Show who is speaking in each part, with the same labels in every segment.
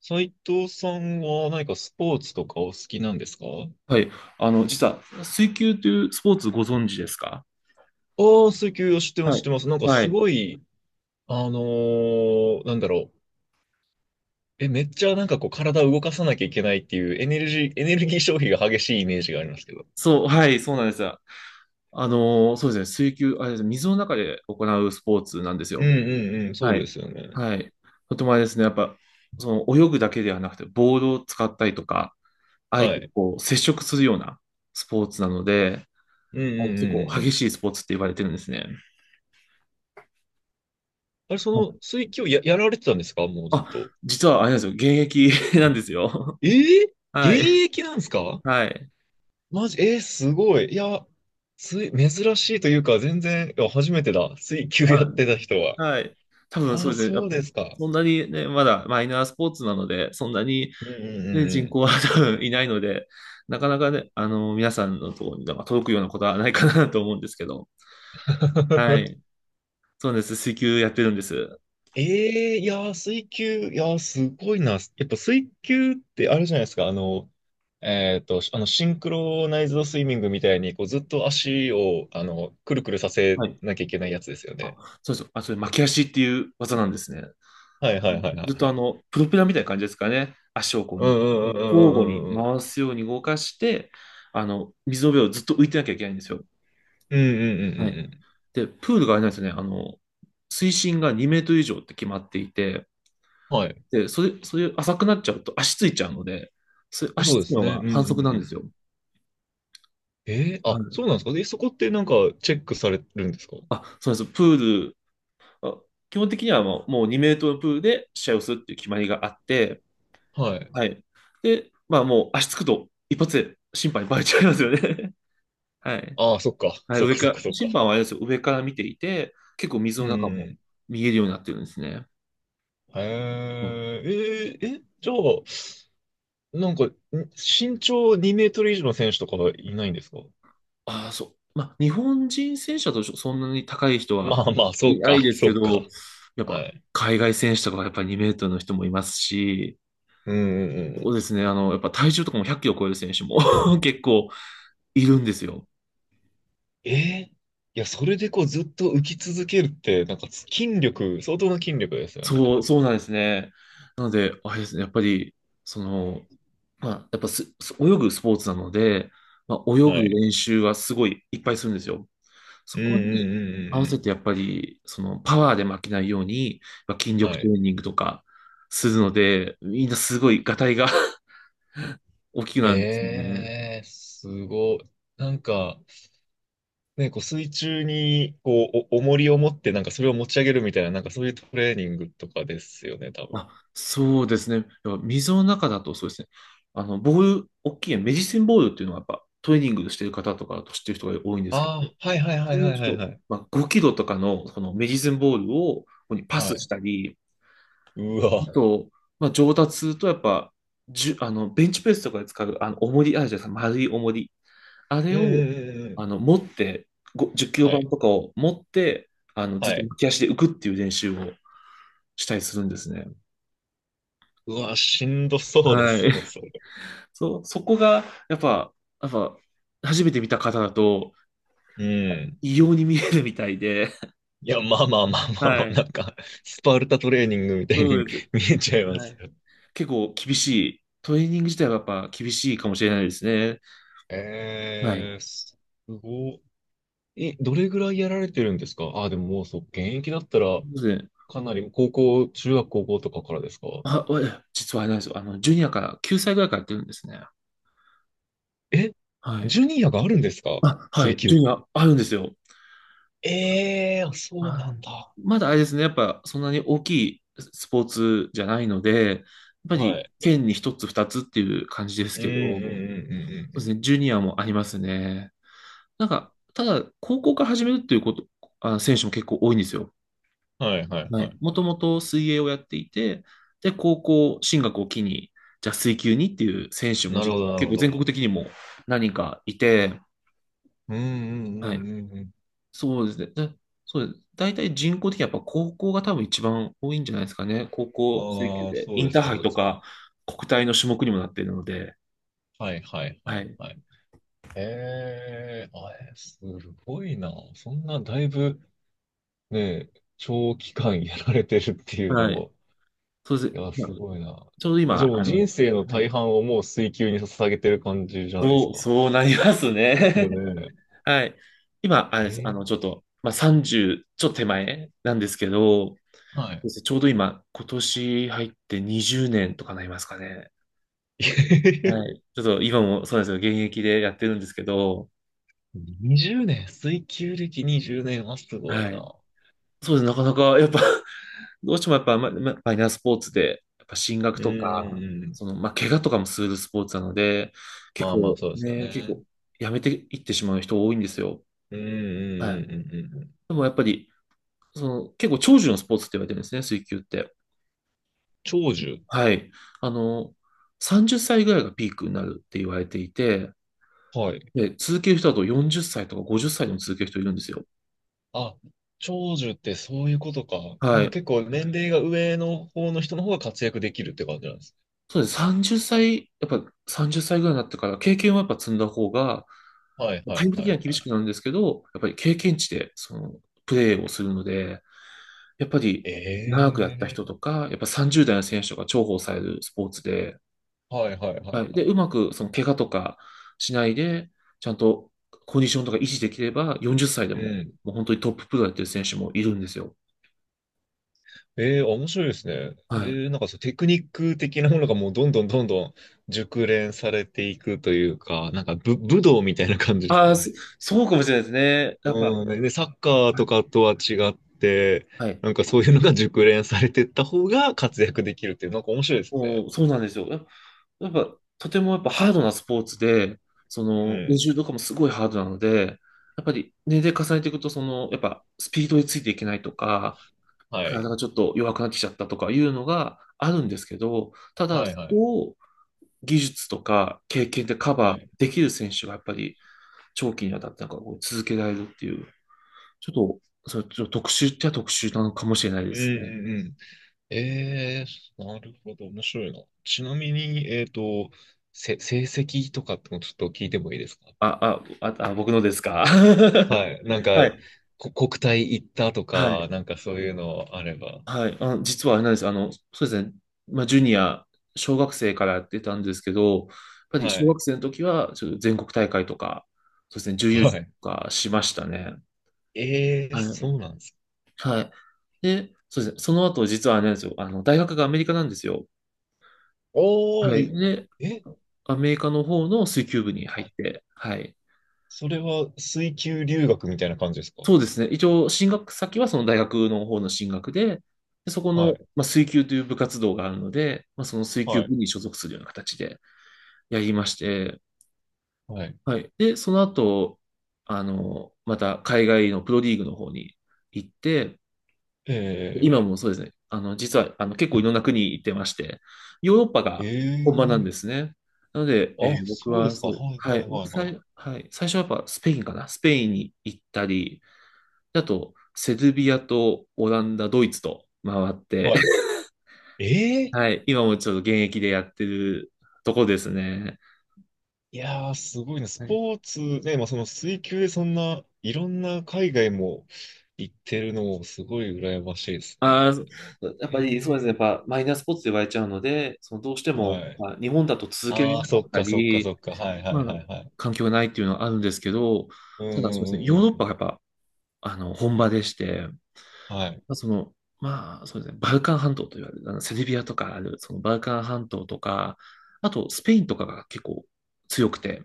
Speaker 1: 斉藤さんは何かスポーツとかお好きなんですか？
Speaker 2: はい。実は、水球というスポーツご存知ですか？
Speaker 1: ああ、水球を知ってま
Speaker 2: は
Speaker 1: す、知っ
Speaker 2: い。
Speaker 1: てます。なんか
Speaker 2: は
Speaker 1: す
Speaker 2: い。
Speaker 1: ごい、あのなんだろう。え、めっちゃなんかこう体を動かさなきゃいけないっていうエネルギー消費が激しいイメージがありますけど。
Speaker 2: そう、はい、そうなんですよ。そうですね、水球、あれですね、水の中で行うスポーツなんです
Speaker 1: うん
Speaker 2: よ。
Speaker 1: うんうん、そ
Speaker 2: は
Speaker 1: うで
Speaker 2: い。
Speaker 1: すよね。
Speaker 2: はい。とてもあれですね、やっぱ、泳ぐだけではなくて、ボールを使ったりとか、相
Speaker 1: は
Speaker 2: 手と
Speaker 1: い。
Speaker 2: こう接触するようなスポーツなので、
Speaker 1: うんうん
Speaker 2: 結
Speaker 1: うんう
Speaker 2: 構
Speaker 1: んう
Speaker 2: 激
Speaker 1: ん。
Speaker 2: しいスポーツって言われてるんですね。
Speaker 1: あれ、そ
Speaker 2: は
Speaker 1: の
Speaker 2: い。
Speaker 1: 水球やられてたんですかもうずっ
Speaker 2: あ、
Speaker 1: と？
Speaker 2: 実はあれなんですよ、現役 なんですよ。
Speaker 1: えー、
Speaker 2: はい。
Speaker 1: 現役なんですか？
Speaker 2: はい。
Speaker 1: マジ、えー、すごい。いや、珍しいというか、全然、いや初めてだ。水球や
Speaker 2: は
Speaker 1: ってた人は。
Speaker 2: い。はい。多分
Speaker 1: あ
Speaker 2: そう
Speaker 1: あ、
Speaker 2: ですね。や
Speaker 1: そう
Speaker 2: っぱ
Speaker 1: ですか。
Speaker 2: そんなにね、まだマイナースポーツなので、そんなに、
Speaker 1: うんう
Speaker 2: ね、
Speaker 1: ん
Speaker 2: 人
Speaker 1: う
Speaker 2: 口は多分いないので、なかなかね、皆さんのところになんか届くようなことはないかなと思うんですけど。
Speaker 1: ん
Speaker 2: は
Speaker 1: うん。
Speaker 2: い。そうなんです。水球やってるんです。
Speaker 1: ええ、いやー、水球、いやー、すごいな。やっぱ水球ってあれじゃないですか。シンクロナイズドスイミングみたいに、こう、ずっと足を、くるくるさせ
Speaker 2: はい。
Speaker 1: なきゃいけないやつですよね。
Speaker 2: そうです。それ巻き足っていう技なんですね。
Speaker 1: はいはいはいは
Speaker 2: ず
Speaker 1: い
Speaker 2: っと
Speaker 1: はい。
Speaker 2: プロペラみたいな感じですかね。足をこう
Speaker 1: う
Speaker 2: に、
Speaker 1: んうんう
Speaker 2: 交互に
Speaker 1: んうんうんうんうん。
Speaker 2: 回すように動かして、水の上をずっと浮いてなきゃいけないんですよ。
Speaker 1: うんうんう
Speaker 2: はい。
Speaker 1: んうん
Speaker 2: で、プールがあれなんですよね。水深が2メートル以上って決まっていて、
Speaker 1: うん。はい。
Speaker 2: で、そういう浅くなっちゃうと足ついちゃうので、それ
Speaker 1: そ
Speaker 2: 足
Speaker 1: うで
Speaker 2: つく
Speaker 1: す
Speaker 2: の
Speaker 1: ね。う
Speaker 2: が
Speaker 1: んう
Speaker 2: 反則
Speaker 1: ん
Speaker 2: なん
Speaker 1: う
Speaker 2: です
Speaker 1: ん。
Speaker 2: よ。
Speaker 1: ええ
Speaker 2: は
Speaker 1: あ、
Speaker 2: い。
Speaker 1: そうなんですか。で、そこってなんか、チェックされるんですか？
Speaker 2: そうなんです。プール、あ基本的にはもう2メートルのプールで試合をするっていう決まりがあって、
Speaker 1: はい。
Speaker 2: はい。で、まあもう足つくと一発で審判にバレちゃいますよね。はい。
Speaker 1: ああ、そっか。
Speaker 2: はい、
Speaker 1: そっ
Speaker 2: 上
Speaker 1: か
Speaker 2: か
Speaker 1: そっか
Speaker 2: ら、
Speaker 1: そっか。
Speaker 2: 審判はあれですよ、上から見ていて、結構水
Speaker 1: う
Speaker 2: の
Speaker 1: ん
Speaker 2: 中
Speaker 1: う
Speaker 2: も
Speaker 1: ん。
Speaker 2: 見えるようになってるんですね。
Speaker 1: へ
Speaker 2: うん。
Speaker 1: え、えー、え、じゃあ、なんか、身長2メートル以上の選手とかはいないんですか？
Speaker 2: ああ、そう。まあ、日本人選手だとそんなに高い人
Speaker 1: ま
Speaker 2: は
Speaker 1: あまあ、そ
Speaker 2: い
Speaker 1: う
Speaker 2: な
Speaker 1: か、
Speaker 2: いです
Speaker 1: そ
Speaker 2: け
Speaker 1: う
Speaker 2: ど、
Speaker 1: か。
Speaker 2: やっ
Speaker 1: は
Speaker 2: ぱ
Speaker 1: い。
Speaker 2: 海外選手とかはやっぱ2メートルの人もいますし、
Speaker 1: うんうんう
Speaker 2: そう
Speaker 1: ん。
Speaker 2: ですね、やっぱ体重とかも100キロ超える選手も 結構いるんですよ。
Speaker 1: えー、いや、それでこうずっと浮き続けるって、なんか筋力、相当な筋力ですよね。
Speaker 2: そう、そうなんですね。なので、あれですね、やっぱり、その、まあ、やっぱす、す泳ぐスポーツなので、まあ、泳
Speaker 1: は
Speaker 2: ぐ
Speaker 1: い。
Speaker 2: 練習はすごいいっぱいするんですよ。
Speaker 1: う
Speaker 2: そ
Speaker 1: んう
Speaker 2: こに
Speaker 1: ん
Speaker 2: 合
Speaker 1: う
Speaker 2: わ
Speaker 1: んう
Speaker 2: せ
Speaker 1: ん
Speaker 2: てやっぱり、そのパワーで負けないように、まあ筋
Speaker 1: うん。は
Speaker 2: 力トレ
Speaker 1: い。
Speaker 2: ーニングとかするので、みんなすごいガタイが 大きくなるんですね。
Speaker 1: えー、すごい。なんか、ね、こう水中にこうお重りを持って、なんかそれを持ち上げるみたいな、なんかそういうトレーニングとかですよね、多
Speaker 2: あ、そうですね。やっぱ水の中だとそうですね。あの、ボール、大きいメディシンボールっていうのはやっぱトレーニングしてる方とかだと知ってる人が多いんですけど、
Speaker 1: ああ、はいはい
Speaker 2: こ
Speaker 1: は
Speaker 2: う
Speaker 1: い
Speaker 2: いう
Speaker 1: はい
Speaker 2: ち
Speaker 1: は
Speaker 2: ょ
Speaker 1: い
Speaker 2: っと、
Speaker 1: はい。
Speaker 2: まあ、5キロとかのこのメディシンボールをここにパ
Speaker 1: は
Speaker 2: スし
Speaker 1: い。
Speaker 2: たり、
Speaker 1: うわ。
Speaker 2: あと、まあ、上達するとやっぱ、じゅ、あの、ベンチプレスとかで使う、重りあるじゃないですか、丸い重り。あれ
Speaker 1: ええ
Speaker 2: を、
Speaker 1: ええええ、
Speaker 2: 持って、10キロ
Speaker 1: は
Speaker 2: 板
Speaker 1: い。
Speaker 2: とかを持って、ず
Speaker 1: は
Speaker 2: っと
Speaker 1: い。
Speaker 2: 浮き足で浮くっていう練習をしたりするんですね。
Speaker 1: うわ、しんどそうで
Speaker 2: は
Speaker 1: す
Speaker 2: い。
Speaker 1: ね、それ。
Speaker 2: そこが、やっぱ、初めて見た方だと、
Speaker 1: うん。
Speaker 2: 異様に見えるみたいで、
Speaker 1: いや、まあまあまあ
Speaker 2: は
Speaker 1: まあまあ、な
Speaker 2: い。
Speaker 1: んか、スパルタトレーニングみたいに
Speaker 2: そうです。
Speaker 1: 見えちゃいま
Speaker 2: は
Speaker 1: す
Speaker 2: い。
Speaker 1: よ。
Speaker 2: 結構厳しい。トレーニング自体はやっぱ厳しいかもしれないですね。はい。
Speaker 1: えー、すごい。え、どれぐらいやられてるんですか？あ、でも、もうそう、現役だったら、
Speaker 2: そうですね。
Speaker 1: かなり高校、中学高校とかからですか？
Speaker 2: 実はあれなんですよ。ジュニアから、9歳ぐらいからやってるんですね。
Speaker 1: え、
Speaker 2: はい。
Speaker 1: ジュニアがあるんですか？
Speaker 2: は
Speaker 1: 水
Speaker 2: い。ジュ
Speaker 1: 球。
Speaker 2: ニア、あるんですよ。
Speaker 1: ええー、そう
Speaker 2: まあ
Speaker 1: なんだ。
Speaker 2: まだあれですね、やっぱそんなに大きいスポーツじゃないので、やっぱ
Speaker 1: は
Speaker 2: り
Speaker 1: い。
Speaker 2: 県に一つ二つっていう感じです
Speaker 1: うんうん
Speaker 2: け
Speaker 1: うん
Speaker 2: ど、そ
Speaker 1: うん
Speaker 2: う
Speaker 1: う
Speaker 2: で
Speaker 1: んう
Speaker 2: すね、ジュニアもありますね。なんか、ただ、高校から始めるっていうこと、選手も結構多いんですよ。
Speaker 1: ん。はいはい
Speaker 2: は
Speaker 1: はい
Speaker 2: い。も
Speaker 1: は
Speaker 2: とも
Speaker 1: い。
Speaker 2: と水泳をやっていて、で、高校進学を機に、じゃあ水球にっていう選手も
Speaker 1: なるほ
Speaker 2: 実
Speaker 1: ど
Speaker 2: は
Speaker 1: なる
Speaker 2: 結
Speaker 1: ほ
Speaker 2: 構全
Speaker 1: ど。
Speaker 2: 国的にも何人かいて、
Speaker 1: うんうんう
Speaker 2: はい。
Speaker 1: んうんうん。
Speaker 2: そうですね。で、そうです。大体人口的にやっぱ高校が多分一番多いんじゃないですかね。高校水球
Speaker 1: ああ、
Speaker 2: で。
Speaker 1: そ
Speaker 2: イ
Speaker 1: うで
Speaker 2: ンタ
Speaker 1: す
Speaker 2: ー
Speaker 1: か
Speaker 2: ハイ
Speaker 1: そうで
Speaker 2: と
Speaker 1: すか。
Speaker 2: か国体の種目にもなっているので。
Speaker 1: はいはいは
Speaker 2: は
Speaker 1: い
Speaker 2: い。
Speaker 1: はい。へえ、あれ、すごいな。そんなだいぶね、長期間やられてるっていうの
Speaker 2: はい。
Speaker 1: も、
Speaker 2: そうで
Speaker 1: い
Speaker 2: す。
Speaker 1: や、すごいな。
Speaker 2: ちょうど
Speaker 1: じゃあ
Speaker 2: 今、
Speaker 1: もう人生の
Speaker 2: は
Speaker 1: 大
Speaker 2: い。
Speaker 1: 半をもう水球に捧げてる感じじゃないです
Speaker 2: そう、
Speaker 1: か。
Speaker 2: そうなります
Speaker 1: そうです
Speaker 2: ね。
Speaker 1: よ ね。
Speaker 2: はい。今、あれです。
Speaker 1: え
Speaker 2: ちょ
Speaker 1: え、
Speaker 2: っと、まあ、30、ちょっと手前なんですけど、そう
Speaker 1: はい。
Speaker 2: ですね、ちょうど今、今年入って20年とかなりますかね。は い。ちょっと今もそうなんですよ。現役でやってるんですけど、
Speaker 1: 20年、水球歴20年はすごい
Speaker 2: はい。
Speaker 1: な。
Speaker 2: そうですね。なかなか、やっぱ どうしてもやっぱ、マイナースポーツで、やっぱ進学
Speaker 1: うん
Speaker 2: と
Speaker 1: う
Speaker 2: か、
Speaker 1: んうん。
Speaker 2: まあ、怪我とかもするスポーツなので、結
Speaker 1: まあまあ、そ
Speaker 2: 構
Speaker 1: うですよ
Speaker 2: ね、結
Speaker 1: ね。
Speaker 2: 構、やめていってしまう人多いんですよ。
Speaker 1: うんう
Speaker 2: は
Speaker 1: んう
Speaker 2: い。
Speaker 1: んうんうんうん。
Speaker 2: でもやっぱり、結構長寿のスポーツって言われてるんですね、水球って。
Speaker 1: 長寿。
Speaker 2: はい。あの、30歳ぐらいがピークになるって言われていて、
Speaker 1: はい。
Speaker 2: で、続ける人だと40歳とか50歳でも続ける人いるんですよ。
Speaker 1: あ、長寿ってそういうことか。なん
Speaker 2: は
Speaker 1: か
Speaker 2: い。
Speaker 1: 結構年齢が上の方の人の方が活躍できるって感じなんです。
Speaker 2: そうです。30歳、やっぱ30歳ぐらいになってから経験はやっぱ積んだ方が、
Speaker 1: はいは
Speaker 2: 対応
Speaker 1: いは
Speaker 2: 的には
Speaker 1: い
Speaker 2: 厳
Speaker 1: は
Speaker 2: し
Speaker 1: い。
Speaker 2: くなるんですけど、やっぱり経験値でそのプレーをするので、やっぱり
Speaker 1: え
Speaker 2: 長くやった人
Speaker 1: え
Speaker 2: とか、やっぱ30代の選手とか重宝されるスポーツで、
Speaker 1: ー。はいはいは
Speaker 2: は
Speaker 1: い
Speaker 2: い。
Speaker 1: は
Speaker 2: で、
Speaker 1: い。
Speaker 2: うまくその怪我とかしないで、ちゃんとコンディションとか維持できれば、40歳で
Speaker 1: う
Speaker 2: も、
Speaker 1: ん。
Speaker 2: もう本当にトッププロやってる選手もいるんですよ。
Speaker 1: ええー、面白いですね。
Speaker 2: はい。
Speaker 1: ええー、なんかそう、テクニック的なものがもうどんどんどんどん熟練されていくというか、なんか武道みたいな感じです
Speaker 2: ああ、
Speaker 1: ね。
Speaker 2: そうかもしれないですね。やっぱ、は
Speaker 1: うん。で、サッカーとか
Speaker 2: い。
Speaker 1: とは違って、
Speaker 2: はい。
Speaker 1: なんかそういうのが熟練されてった方が活躍できるっていう、なんか面白いです
Speaker 2: も
Speaker 1: ね。
Speaker 2: う、そうなんですよ。やっぱとてもやっぱハードなスポーツで、
Speaker 1: う
Speaker 2: 練
Speaker 1: ん。
Speaker 2: 習とかもすごいハードなので、やっぱり年齢重ねていくと、やっぱスピードについていけないとか、
Speaker 1: は
Speaker 2: 体
Speaker 1: い。
Speaker 2: がちょっと弱くなってきちゃったとかいうのがあるんですけど、ただ、
Speaker 1: は
Speaker 2: そ
Speaker 1: いはい。
Speaker 2: こを技術とか経験でカ
Speaker 1: は
Speaker 2: バー
Speaker 1: い。
Speaker 2: できる選手がやっぱり長期にわたってなんかこう続けられるっていう、ちょっと、それちょっと特殊っちゃ特殊なのかもしれないで
Speaker 1: うん
Speaker 2: すね。
Speaker 1: うんうん。えー、なるほど。面白いな。ちなみに、成績とかってもちょっと聞いてもいいですか？
Speaker 2: 僕のですか？
Speaker 1: はい。なんか、
Speaker 2: はい。
Speaker 1: 国体行ったと
Speaker 2: は
Speaker 1: か、
Speaker 2: い。
Speaker 1: なんかそういうのあれば。
Speaker 2: はい、実はあれなんです。そうですね。まあ、ジュニア、小学生からやってたんですけど、やっぱり
Speaker 1: は
Speaker 2: 小
Speaker 1: い。
Speaker 2: 学生の時は、ちょっと全国大会とか、そうですね、準優勝
Speaker 1: は
Speaker 2: とかしましたね。
Speaker 1: い。えー、
Speaker 2: はい。
Speaker 1: そうなんですか。
Speaker 2: はい。で、そうですね、その後、実はあれなんですよ。大学がアメリカなんですよ。
Speaker 1: お
Speaker 2: は
Speaker 1: ー
Speaker 2: い。
Speaker 1: い、
Speaker 2: で、
Speaker 1: え、
Speaker 2: アメリカの方の水球部に入っ
Speaker 1: あ、
Speaker 2: て、はい。
Speaker 1: それは水球留学みたいな感じですか？
Speaker 2: そうですね。一応、進学先はその大学の方の進学で、でそこ
Speaker 1: は
Speaker 2: の、
Speaker 1: い、
Speaker 2: まあ、水球という部活動があるので、まあ、その水球
Speaker 1: はい、
Speaker 2: 部に所属するような形で、やりまして、
Speaker 1: はい。
Speaker 2: はい。で、その後、また海外のプロリーグの方に行って、今
Speaker 1: え
Speaker 2: もそうですね、あの、実は、あの、結構いろんな国行ってまして、ヨーロッパ
Speaker 1: ー、え
Speaker 2: が本場なんで
Speaker 1: ー、
Speaker 2: すね。なので、
Speaker 1: あ、
Speaker 2: 僕
Speaker 1: そうで
Speaker 2: は、
Speaker 1: すか。
Speaker 2: そ
Speaker 1: は
Speaker 2: う、
Speaker 1: い、
Speaker 2: は
Speaker 1: は
Speaker 2: い、
Speaker 1: い、はい、はい。
Speaker 2: はい、最初はやっぱスペインかな、スペインに行ったり、あと、セルビアとオランダ、ドイツと回って、
Speaker 1: はい。えー、
Speaker 2: はい、今もちょっと現役でやってるとこですね。
Speaker 1: いやー、すごいね。ス
Speaker 2: はい。
Speaker 1: ポーツ、ね、まあ、その水球でそんな、いろんな海外も行ってるのもすごい羨ましいです
Speaker 2: ああ、
Speaker 1: ね。
Speaker 2: そ やっぱりそうですね。やっ
Speaker 1: え
Speaker 2: ぱマイナースポーツと言われちゃうので、どうして
Speaker 1: ー、
Speaker 2: も、
Speaker 1: はい。
Speaker 2: まあ、日本だと続けられ
Speaker 1: ああ
Speaker 2: なか
Speaker 1: そ
Speaker 2: っ
Speaker 1: っ
Speaker 2: た
Speaker 1: か、そっか、
Speaker 2: り、
Speaker 1: そっか。はい、は
Speaker 2: ま
Speaker 1: い、は
Speaker 2: あ、
Speaker 1: い、はい。
Speaker 2: 環境がないっていうのはあるんですけど、
Speaker 1: うん、う
Speaker 2: ただそうですね、
Speaker 1: ん、うん、う
Speaker 2: ヨーロッパ
Speaker 1: ん。
Speaker 2: がやっぱ、本場でして、ま
Speaker 1: はい。
Speaker 2: あ、まあ、そうですね、バルカン半島と言われる、あのセルビアとかある、そのバルカン半島とか、あとスペインとかが結構強くて、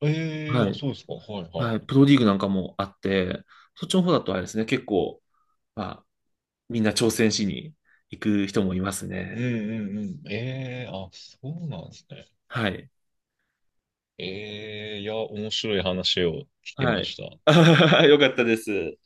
Speaker 1: ええー、
Speaker 2: は
Speaker 1: あ、
Speaker 2: い、
Speaker 1: そうですか。はい、は
Speaker 2: は
Speaker 1: い。
Speaker 2: い、プロリーグなんかもあって、そっちの方だとあれですね、結構、まあ、みんな挑戦しに行く人もいます
Speaker 1: うん、
Speaker 2: ね。
Speaker 1: うん、うん。ええー、あ、そうなんですね。
Speaker 2: はい。
Speaker 1: ええ、いや、面白い話を聞き
Speaker 2: は
Speaker 1: ま
Speaker 2: い。
Speaker 1: した。
Speaker 2: よかったです。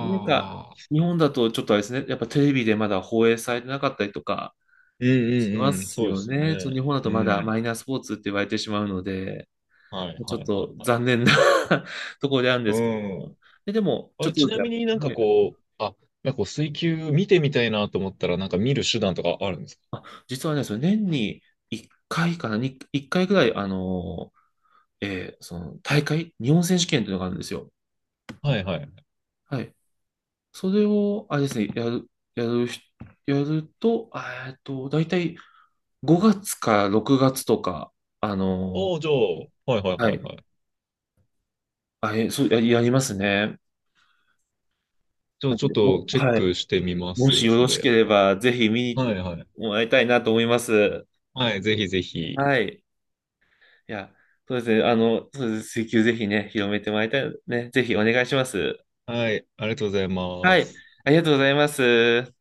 Speaker 2: なんか、
Speaker 1: あ。
Speaker 2: 日
Speaker 1: そう。
Speaker 2: 本だとちょっとあれですね、やっぱテレビでまだ放映されてなかったりとか
Speaker 1: うん
Speaker 2: しま
Speaker 1: うんうん、
Speaker 2: す
Speaker 1: そうで
Speaker 2: よ
Speaker 1: す
Speaker 2: ね。ちょっと日
Speaker 1: ね。
Speaker 2: 本だと
Speaker 1: う
Speaker 2: まだマ
Speaker 1: ん。
Speaker 2: イナースポーツって言われてしまうので、
Speaker 1: はい
Speaker 2: ち
Speaker 1: は
Speaker 2: ょっ
Speaker 1: いは
Speaker 2: と
Speaker 1: いはい。
Speaker 2: 残念な ところであるんで
Speaker 1: う
Speaker 2: すけど。
Speaker 1: ん。
Speaker 2: でも、
Speaker 1: あ
Speaker 2: ちょっ
Speaker 1: れ、
Speaker 2: と
Speaker 1: ち
Speaker 2: ずつ
Speaker 1: な
Speaker 2: や、
Speaker 1: みに
Speaker 2: はい。
Speaker 1: なんかこう、水球見てみたいなと思ったら、なんか見る手段とかあるんですか？
Speaker 2: あ、実はね、その年に1回かいかな、に1回ぐらい、その大会、日本選手権というのがあるんですよ。
Speaker 1: はいはい。
Speaker 2: はい。それを、あれですね、やる、やる人、やると、大体5月か6月とか、あの
Speaker 1: おー、じゃあ、はいはい
Speaker 2: は
Speaker 1: はい
Speaker 2: い。
Speaker 1: はい。
Speaker 2: そう、やりますね。
Speaker 1: じゃ
Speaker 2: な
Speaker 1: あ、
Speaker 2: ん
Speaker 1: ちょっ
Speaker 2: で
Speaker 1: と
Speaker 2: も、
Speaker 1: チェッ
Speaker 2: はい。
Speaker 1: クしてみま
Speaker 2: も
Speaker 1: す
Speaker 2: し
Speaker 1: よ、
Speaker 2: よ
Speaker 1: そ
Speaker 2: ろし
Speaker 1: れ。
Speaker 2: ければ、ぜひ見に行っ
Speaker 1: は
Speaker 2: て
Speaker 1: いはい。
Speaker 2: もらいたいなと思います。
Speaker 1: はい、ぜひぜひ。
Speaker 2: はい。いや、そうですね。そうです。請求ぜひね、広めてもらいたい。ね、ぜひお願いします。
Speaker 1: はい、ありがとうござい
Speaker 2: は
Speaker 1: ま
Speaker 2: い。
Speaker 1: す。
Speaker 2: ありがとうございます。